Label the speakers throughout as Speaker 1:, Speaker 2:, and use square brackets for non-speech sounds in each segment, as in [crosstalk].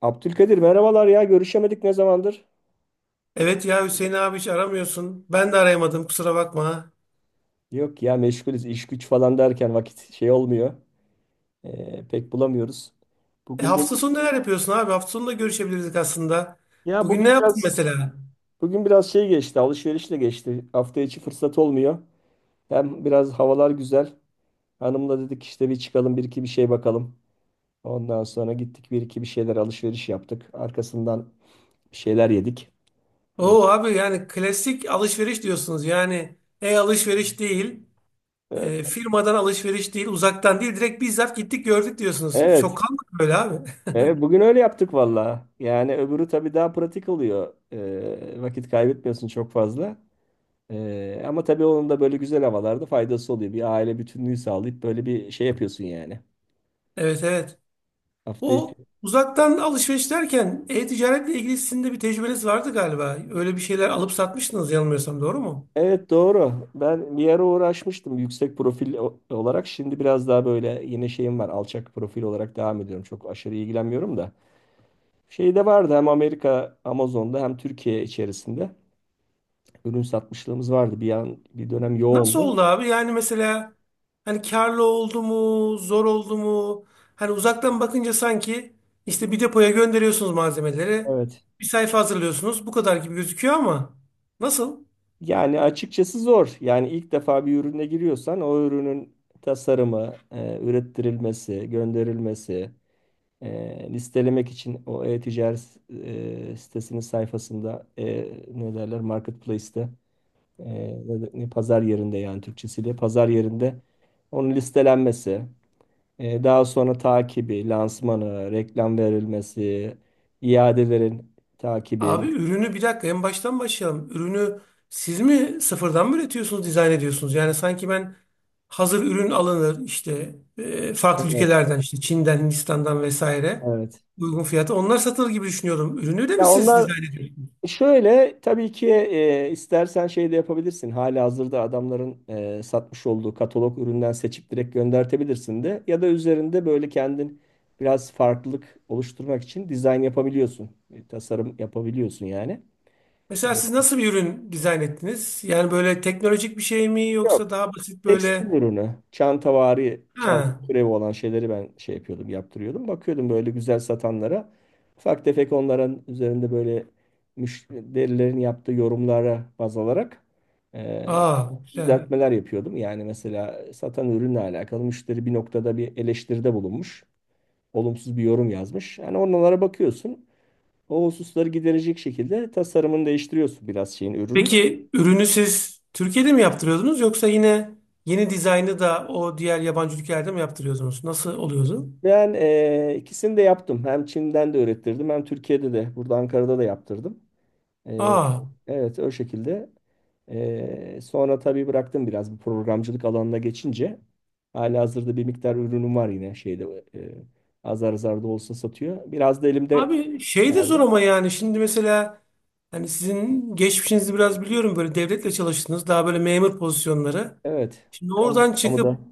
Speaker 1: Abdülkadir merhabalar ya görüşemedik ne zamandır?
Speaker 2: Evet ya Hüseyin abi hiç aramıyorsun. Ben de arayamadım kusura bakma.
Speaker 1: Yok ya meşgulüz iş güç falan derken vakit şey olmuyor. Pek bulamıyoruz.
Speaker 2: E,
Speaker 1: Bugün de
Speaker 2: hafta sonu neler yapıyorsun abi? Hafta sonu da görüşebilirdik aslında.
Speaker 1: ya
Speaker 2: Bugün ne
Speaker 1: bugün
Speaker 2: yaptın
Speaker 1: biraz
Speaker 2: mesela?
Speaker 1: bugün biraz şey geçti alışverişle geçti. Hafta içi fırsat olmuyor. Hem biraz havalar güzel. Hanımla dedik işte bir çıkalım bir iki bir şey bakalım. Ondan sonra gittik bir iki bir şeyler alışveriş yaptık. Arkasından bir şeyler yedik.
Speaker 2: Oo abi yani klasik alışveriş diyorsunuz. Yani e-alışveriş değil,
Speaker 1: Ee,
Speaker 2: firmadan alışveriş değil, uzaktan değil. Direkt bizzat gittik gördük diyorsunuz. Çok
Speaker 1: Evet.
Speaker 2: kalmadı böyle abi.
Speaker 1: Evet, bugün öyle yaptık valla. Yani öbürü tabii daha pratik oluyor. Vakit kaybetmiyorsun çok fazla. Ama tabii onun da böyle güzel havalarda faydası oluyor. Bir aile bütünlüğü sağlayıp böyle bir şey yapıyorsun yani.
Speaker 2: [laughs] Evet, evet.
Speaker 1: Hafta
Speaker 2: O
Speaker 1: içi.
Speaker 2: uzaktan alışveriş derken e-ticaretle ilgili sizin de bir tecrübeniz vardı galiba. Öyle bir şeyler alıp satmıştınız yanılmıyorsam, doğru mu?
Speaker 1: Evet, doğru. Ben bir ara uğraşmıştım yüksek profil olarak. Şimdi biraz daha böyle yeni şeyim var. Alçak profil olarak devam ediyorum. Çok aşırı ilgilenmiyorum da. Şey de vardı, hem Amerika Amazon'da hem Türkiye içerisinde ürün satmışlığımız vardı. Bir an bir dönem
Speaker 2: Nasıl
Speaker 1: yoğundu.
Speaker 2: oldu abi? Yani mesela hani karlı oldu mu, zor oldu mu? Hani uzaktan bakınca sanki işte bir depoya gönderiyorsunuz malzemeleri.
Speaker 1: Evet.
Speaker 2: Bir sayfa hazırlıyorsunuz. Bu kadar gibi gözüküyor ama nasıl?
Speaker 1: Yani açıkçası zor. Yani ilk defa bir ürüne giriyorsan o ürünün tasarımı, ürettirilmesi, gönderilmesi, listelemek için o e-ticaret sitesinin sayfasında ne derler marketplace'te e, pazar yerinde, yani Türkçesiyle pazar yerinde onun listelenmesi, daha sonra takibi, lansmanı, reklam verilmesi, iadelerin takibi.
Speaker 2: Abi ürünü, bir dakika, en baştan başlayalım. Ürünü siz mi sıfırdan mı üretiyorsunuz, dizayn ediyorsunuz? Yani sanki ben hazır ürün alınır işte farklı
Speaker 1: Evet,
Speaker 2: ülkelerden işte Çin'den, Hindistan'dan vesaire
Speaker 1: evet.
Speaker 2: uygun fiyata onlar satılır gibi düşünüyorum. Ürünü de mi
Speaker 1: Ya
Speaker 2: siz
Speaker 1: onlar
Speaker 2: dizayn ediyorsunuz?
Speaker 1: Şöyle, tabii ki istersen şey de yapabilirsin. Halihazırda adamların satmış olduğu katalog üründen seçip direkt göndertebilirsin de. Ya da üzerinde böyle kendin biraz farklılık oluşturmak için dizayn yapabiliyorsun. Tasarım yapabiliyorsun yani. E,
Speaker 2: Mesela siz nasıl bir ürün dizayn ettiniz? Yani böyle teknolojik bir şey mi yoksa
Speaker 1: Yok.
Speaker 2: daha basit
Speaker 1: Tekstil
Speaker 2: böyle?
Speaker 1: ürünü, çantavari, çanta
Speaker 2: Ha,
Speaker 1: türevi olan şeyleri ben şey yapıyordum, yaptırıyordum. Bakıyordum böyle güzel satanlara. Ufak tefek onların üzerinde böyle müşterilerin yaptığı yorumlara baz alarak e,
Speaker 2: aa, güzel.
Speaker 1: düzeltmeler yapıyordum. Yani mesela satan ürünle alakalı müşteri bir noktada bir eleştiride bulunmuş. Olumsuz bir yorum yazmış. Yani onlara bakıyorsun. O hususları giderecek şekilde tasarımını değiştiriyorsun biraz şeyin, ürünün.
Speaker 2: Peki ürünü siz Türkiye'de mi yaptırıyordunuz yoksa yine yeni dizaynı da o diğer yabancı ülkelerde mi yaptırıyordunuz? Nasıl oluyordu?
Speaker 1: Ben ikisini de yaptım. Hem Çin'den de öğrettirdim hem Türkiye'de de burada Ankara'da da yaptırdım. E,
Speaker 2: Aa.
Speaker 1: evet, o şekilde. Sonra tabii bıraktım biraz, bu programcılık alanına geçince. Halihazırda bir miktar ürünüm var, yine şeyde azar azar da olsa satıyor. Biraz da elimde
Speaker 2: Abi şey de zor
Speaker 1: vardı.
Speaker 2: ama yani şimdi mesela hani sizin geçmişinizi biraz biliyorum, böyle devletle çalıştınız, daha böyle memur pozisyonları.
Speaker 1: Evet.
Speaker 2: Şimdi oradan
Speaker 1: Kamuda.
Speaker 2: çıkıp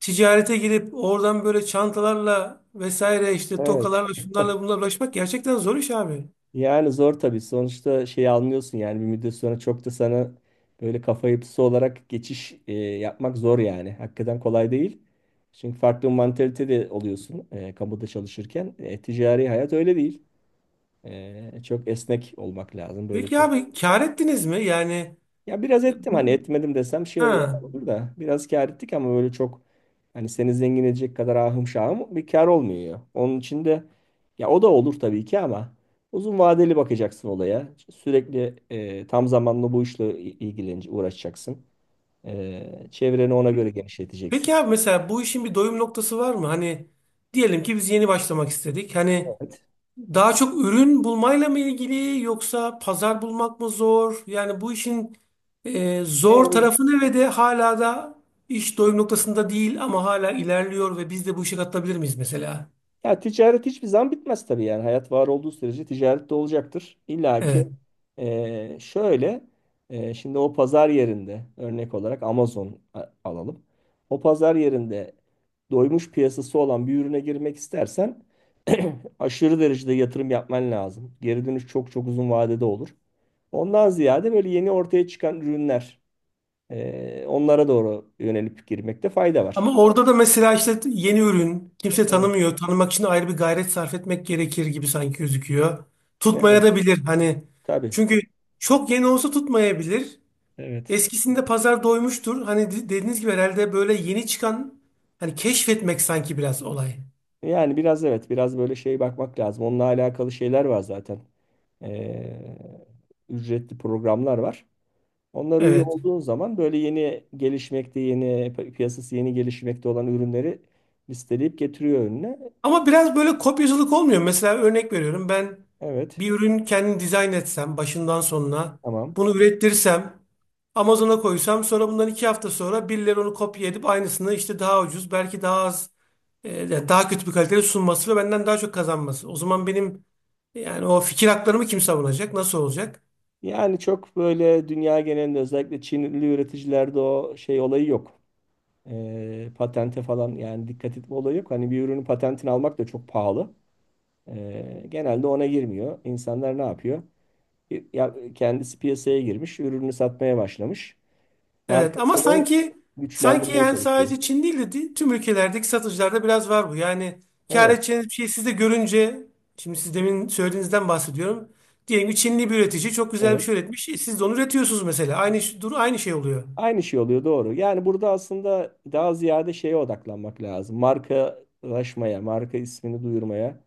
Speaker 2: ticarete girip oradan böyle çantalarla vesaire işte
Speaker 1: Evet.
Speaker 2: tokalarla şunlarla bunlarla ulaşmak gerçekten zor iş abi.
Speaker 1: Yani zor tabii. Sonuçta şey anlıyorsun, yani bir müddet sonra çok da sana böyle kafa yapısı olarak geçiş yapmak zor yani. Hakikaten kolay değil. Çünkü farklı bir mantalite de oluyorsun kamuda çalışırken. Ticari hayat öyle değil. Çok esnek olmak lazım. Böyle
Speaker 2: Peki
Speaker 1: çok
Speaker 2: abi kâr ettiniz mi? Yani
Speaker 1: Ya biraz
Speaker 2: e,
Speaker 1: ettim, hani
Speaker 2: bu-
Speaker 1: etmedim desem şey yalan
Speaker 2: ha.
Speaker 1: olur da biraz kâr ettik, ama böyle çok, hani seni zengin edecek kadar ahım şahım bir kâr olmuyor. Onun için de ya o da olur tabii ki, ama uzun vadeli bakacaksın olaya. Sürekli tam zamanlı bu işle ilgileneceksin, uğraşacaksın. Çevreni ona göre genişleteceksin.
Speaker 2: Peki abi mesela bu işin bir doyum noktası var mı? Hani diyelim ki biz yeni başlamak istedik. Hani
Speaker 1: Evet.
Speaker 2: daha çok ürün bulmayla mı ilgili yoksa pazar bulmak mı zor? Yani bu işin zor
Speaker 1: E,
Speaker 2: tarafı ne ve de hala da iş doyum noktasında değil ama hala ilerliyor ve biz de bu işe katılabilir miyiz mesela?
Speaker 1: Ya ticaret hiçbir zaman bitmez tabii yani. Hayat var olduğu sürece ticaret de olacaktır. İlla ki
Speaker 2: Evet.
Speaker 1: şöyle şimdi o pazar yerinde örnek olarak Amazon alalım. O pazar yerinde doymuş piyasası olan bir ürüne girmek istersen [clears throat] aşırı derecede yatırım yapman lazım. Geri dönüş çok çok uzun vadede olur. Ondan ziyade böyle yeni ortaya çıkan ürünler, onlara doğru yönelip girmekte fayda var.
Speaker 2: Ama orada da mesela işte yeni ürün kimse
Speaker 1: Evet.
Speaker 2: tanımıyor. Tanımak için ayrı bir gayret sarf etmek gerekir gibi sanki gözüküyor. Tutmaya
Speaker 1: Evet,
Speaker 2: da bilir hani.
Speaker 1: tabii.
Speaker 2: Çünkü çok yeni olsa tutmayabilir.
Speaker 1: Evet.
Speaker 2: Eskisinde pazar doymuştur. Hani dediğiniz gibi herhalde böyle yeni çıkan hani keşfetmek sanki biraz olay.
Speaker 1: Yani biraz, evet, biraz böyle şey bakmak lazım. Onunla alakalı şeyler var zaten. Ee, Ücretli programlar var. Onlara üye
Speaker 2: Evet.
Speaker 1: olduğun zaman böyle yeni gelişmekte, yeni piyasası yeni gelişmekte olan ürünleri listeleyip getiriyor önüne.
Speaker 2: Ama biraz böyle kopyacılık olmuyor. Mesela örnek veriyorum, ben
Speaker 1: Evet,
Speaker 2: bir ürün kendim dizayn etsem başından sonuna,
Speaker 1: tamam.
Speaker 2: bunu ürettirsem Amazon'a koysam, sonra bundan 2 hafta sonra birileri onu kopya edip aynısını işte daha ucuz, belki daha az, yani daha kötü bir kalitede sunması ve benden daha çok kazanması. O zaman benim, yani o fikir haklarımı kim savunacak? Nasıl olacak?
Speaker 1: Yani çok böyle dünya genelinde özellikle Çinli üreticilerde o şey olayı yok. Patente falan, yani dikkat etme olayı yok. Hani bir ürünün patentini almak da çok pahalı. Genelde ona girmiyor. İnsanlar ne yapıyor? Ya kendisi piyasaya girmiş, ürünü satmaya başlamış.
Speaker 2: Evet ama
Speaker 1: Markasını
Speaker 2: sanki
Speaker 1: güçlendirmeye
Speaker 2: yani
Speaker 1: çalışıyor.
Speaker 2: sadece Çin değil de tüm ülkelerdeki satıcılarda biraz var bu. Yani kâr
Speaker 1: Evet,
Speaker 2: edeceğiniz bir şey siz de görünce, şimdi siz demin söylediğinizden bahsediyorum. Diyelim ki Çinli bir üretici çok güzel bir
Speaker 1: evet.
Speaker 2: şey üretmiş. E, siz de onu üretiyorsunuz mesela. Dur, aynı şey oluyor.
Speaker 1: Aynı şey oluyor, doğru. Yani burada aslında daha ziyade şeye odaklanmak lazım. Markalaşmaya, marka ismini duyurmaya,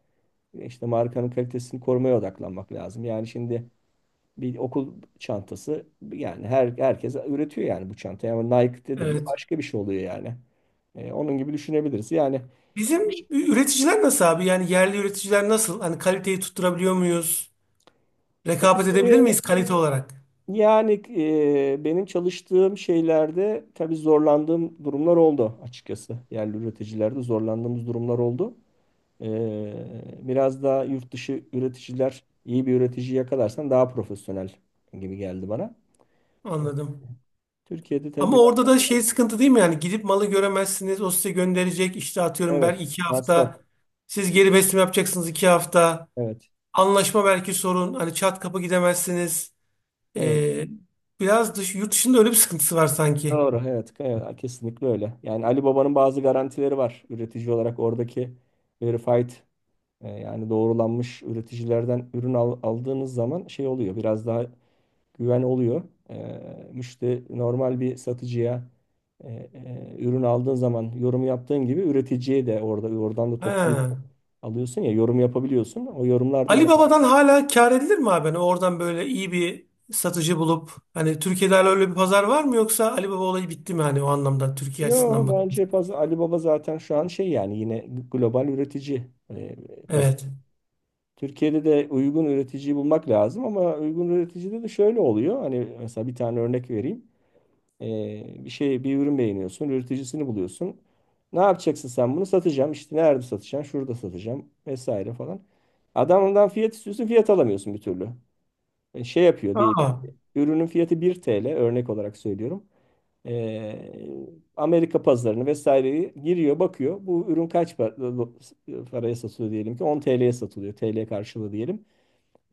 Speaker 1: işte markanın kalitesini korumaya odaklanmak lazım. Yani şimdi bir okul çantası, yani herkes üretiyor yani bu çantayı, ama Nike dedim mi
Speaker 2: Evet.
Speaker 1: başka bir şey oluyor yani. Onun gibi düşünebiliriz. Yani
Speaker 2: Bizim
Speaker 1: çok
Speaker 2: üreticiler nasıl abi? Yani yerli üreticiler nasıl? Hani kaliteyi tutturabiliyor muyuz? Rekabet edebilir
Speaker 1: kaliteye
Speaker 2: miyiz kalite olarak?
Speaker 1: Yani benim çalıştığım şeylerde tabii zorlandığım durumlar oldu açıkçası. Yerli üreticilerde zorlandığımız durumlar oldu. Biraz daha yurt dışı üreticiler, iyi bir üretici yakalarsan daha profesyonel gibi geldi bana. Evet.
Speaker 2: Anladım.
Speaker 1: Türkiye'de tabii
Speaker 2: Ama
Speaker 1: biraz,
Speaker 2: orada da şey sıkıntı değil mi? Yani gidip malı göremezsiniz. O size gönderecek. İşte atıyorum,
Speaker 1: evet,
Speaker 2: belki iki
Speaker 1: masraf.
Speaker 2: hafta. Siz geri besleme yapacaksınız, 2 hafta.
Speaker 1: Evet.
Speaker 2: Anlaşma belki sorun. Hani çat kapı gidemezsiniz.
Speaker 1: Evet.
Speaker 2: Ee, biraz dış, yurt dışında öyle bir sıkıntısı var sanki.
Speaker 1: Doğru. Evet, evet. Kesinlikle öyle. Yani Ali Baba'nın bazı garantileri var. Üretici olarak oradaki verified, yani doğrulanmış üreticilerden ürün aldığınız zaman şey oluyor, biraz daha güven oluyor. E, Müşteri normal bir satıcıya e, ürün aldığın zaman yorum yaptığın gibi, üreticiye de oradan da toptan
Speaker 2: Ha.
Speaker 1: alıyorsun ya, yorum yapabiliyorsun. O yorumlarda
Speaker 2: Ali
Speaker 1: zaten.
Speaker 2: Baba'dan hala kâr edilir mi abi? Hani oradan böyle iyi bir satıcı bulup hani Türkiye'de hala öyle bir pazar var mı yoksa Ali Baba olayı bitti mi hani o anlamda Türkiye
Speaker 1: Yo,
Speaker 2: açısından bakınca?
Speaker 1: bence Ali Baba zaten şu an şey yani, yine global üretici, e, paz-
Speaker 2: Evet.
Speaker 1: Türkiye'de de uygun üreticiyi bulmak lazım, ama uygun üreticide de şöyle oluyor. Hani mesela bir tane örnek vereyim. Bir ürün beğeniyorsun, üreticisini buluyorsun. Ne yapacaksın sen bunu? Satacağım. İşte nerede satacağım? Şurada satacağım vesaire falan. Adamdan fiyat istiyorsun, fiyat alamıyorsun bir türlü. Şey yapıyor diyelim.
Speaker 2: Aa.
Speaker 1: Ürünün fiyatı 1 TL, örnek olarak söylüyorum. Ee, Amerika pazarını vesaireyi giriyor, bakıyor. Bu ürün kaç paraya satılıyor, diyelim ki 10 TL'ye satılıyor. TL karşılığı diyelim.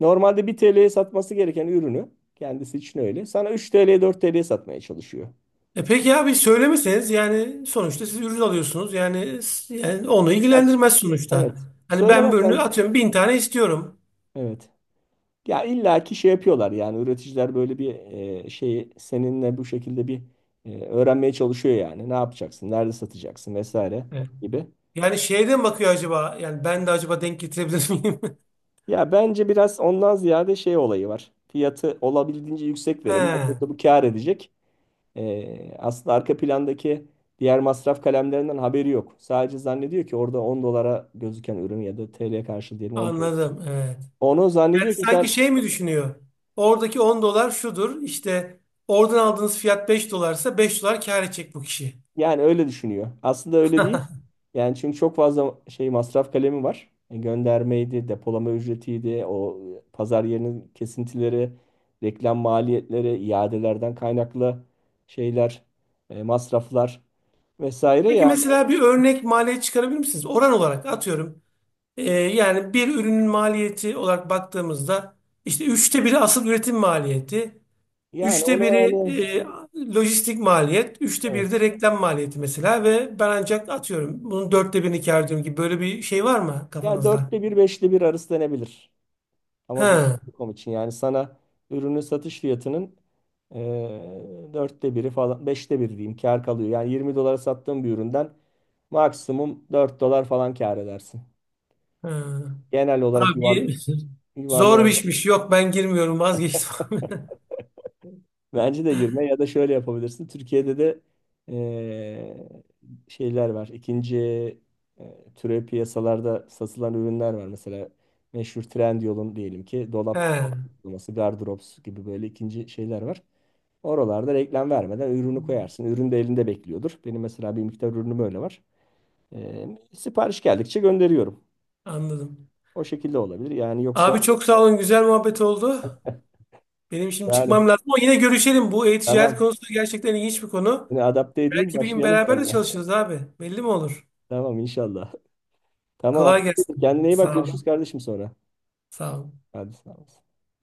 Speaker 1: Normalde 1 TL'ye satması gereken ürünü, kendisi için öyle, sana 3 TL'ye 4 TL'ye satmaya çalışıyor.
Speaker 2: E peki abi, söylemeseniz yani sonuçta siz ürün alıyorsunuz. Yani, yani onu
Speaker 1: Ya,
Speaker 2: ilgilendirmez sonuçta.
Speaker 1: Evet.
Speaker 2: Hani ben bir ürünü
Speaker 1: Söylemesen.
Speaker 2: atıyorum 1000 tane istiyorum.
Speaker 1: Evet. Ya, illaki şey yapıyorlar yani üreticiler, böyle bir şeyi seninle bu şekilde bir öğrenmeye çalışıyor yani. Ne yapacaksın? Nerede satacaksın vesaire
Speaker 2: Evet.
Speaker 1: gibi.
Speaker 2: Yani şeyden bakıyor, acaba yani ben de acaba denk getirebilir miyim? [laughs]
Speaker 1: Ya, bence biraz ondan ziyade şey olayı var. Fiyatı olabildiğince yüksek
Speaker 2: He,
Speaker 1: verelim, aslında bu kâr edecek. Aslında arka plandaki diğer masraf kalemlerinden haberi yok. Sadece zannediyor ki orada 10 dolara gözüken ürün, ya da TL karşılığı diyelim 10 TL.
Speaker 2: anladım, evet.
Speaker 1: Onu zannediyor ki
Speaker 2: Sanki
Speaker 1: sen.
Speaker 2: şey mi düşünüyor? Oradaki 10 dolar şudur işte, oradan aldığınız fiyat 5 dolarsa 5 dolar kâr edecek bu kişi.
Speaker 1: Yani öyle düşünüyor. Aslında öyle değil. Yani çünkü çok fazla şey masraf kalemi var. Göndermeydi, depolama ücretiydi, o pazar yerinin kesintileri, reklam maliyetleri, iadelerden kaynaklı şeyler, masraflar vesaire.
Speaker 2: Peki
Speaker 1: Yani
Speaker 2: mesela bir örnek maliyet çıkarabilir misiniz? Oran olarak atıyorum. Yani bir ürünün maliyeti olarak baktığımızda işte üçte biri asıl üretim maliyeti,
Speaker 1: yani
Speaker 2: üçte
Speaker 1: ona
Speaker 2: biri
Speaker 1: hani,
Speaker 2: e, lojistik maliyet, üçte biri de
Speaker 1: evet.
Speaker 2: reklam maliyeti mesela ve ben ancak atıyorum bunun dörtte birini kâr ediyorum, gibi böyle bir şey var mı
Speaker 1: Yani
Speaker 2: kafanızda?
Speaker 1: dörtte bir, beşte bir arası denebilir.
Speaker 2: He,
Speaker 1: Amazon.com için yani sana ürünün satış fiyatının dörtte biri falan, beşte biri diyeyim, kar kalıyor. Yani 20 dolara sattığın bir üründen maksimum 4 dolar falan kar edersin.
Speaker 2: he.
Speaker 1: Genel olarak
Speaker 2: Abi [laughs] zor bir
Speaker 1: yuvarlayarak
Speaker 2: işmiş. Yok, ben girmiyorum, vazgeçtim. [laughs]
Speaker 1: [laughs] bence de girme, ya da şöyle yapabilirsin. Türkiye'de de eee, şeyler var. İkinci türev piyasalarda satılan ürünler var. Mesela meşhur Trendyol'un, diyelim ki
Speaker 2: He,
Speaker 1: dolap uygulaması, Gardrops gibi böyle ikinci şeyler var. Oralarda reklam vermeden ürünü koyarsın. Ürün de elinde bekliyordur. Benim mesela bir miktar ürünüm öyle var. Sipariş geldikçe gönderiyorum.
Speaker 2: anladım.
Speaker 1: O şekilde olabilir. Yani yoksa,
Speaker 2: Abi çok sağ olun, güzel muhabbet oldu. Benim şimdi
Speaker 1: yani,
Speaker 2: çıkmam lazım ama yine görüşelim. Bu e-ticaret
Speaker 1: tamam.
Speaker 2: konusu gerçekten ilginç bir konu.
Speaker 1: Seni adapte edeyim,
Speaker 2: Belki bir gün
Speaker 1: başlayalım
Speaker 2: beraber de
Speaker 1: seninle.
Speaker 2: çalışırız abi. Belli mi olur?
Speaker 1: [laughs] Tamam, inşallah. Tamam.
Speaker 2: Kolay
Speaker 1: Abdülkadir, kendine
Speaker 2: gelsin.
Speaker 1: iyi bak.
Speaker 2: Sağ ol.
Speaker 1: Görüşürüz kardeşim sonra.
Speaker 2: Sağ ol.
Speaker 1: Hadi, sağ ol.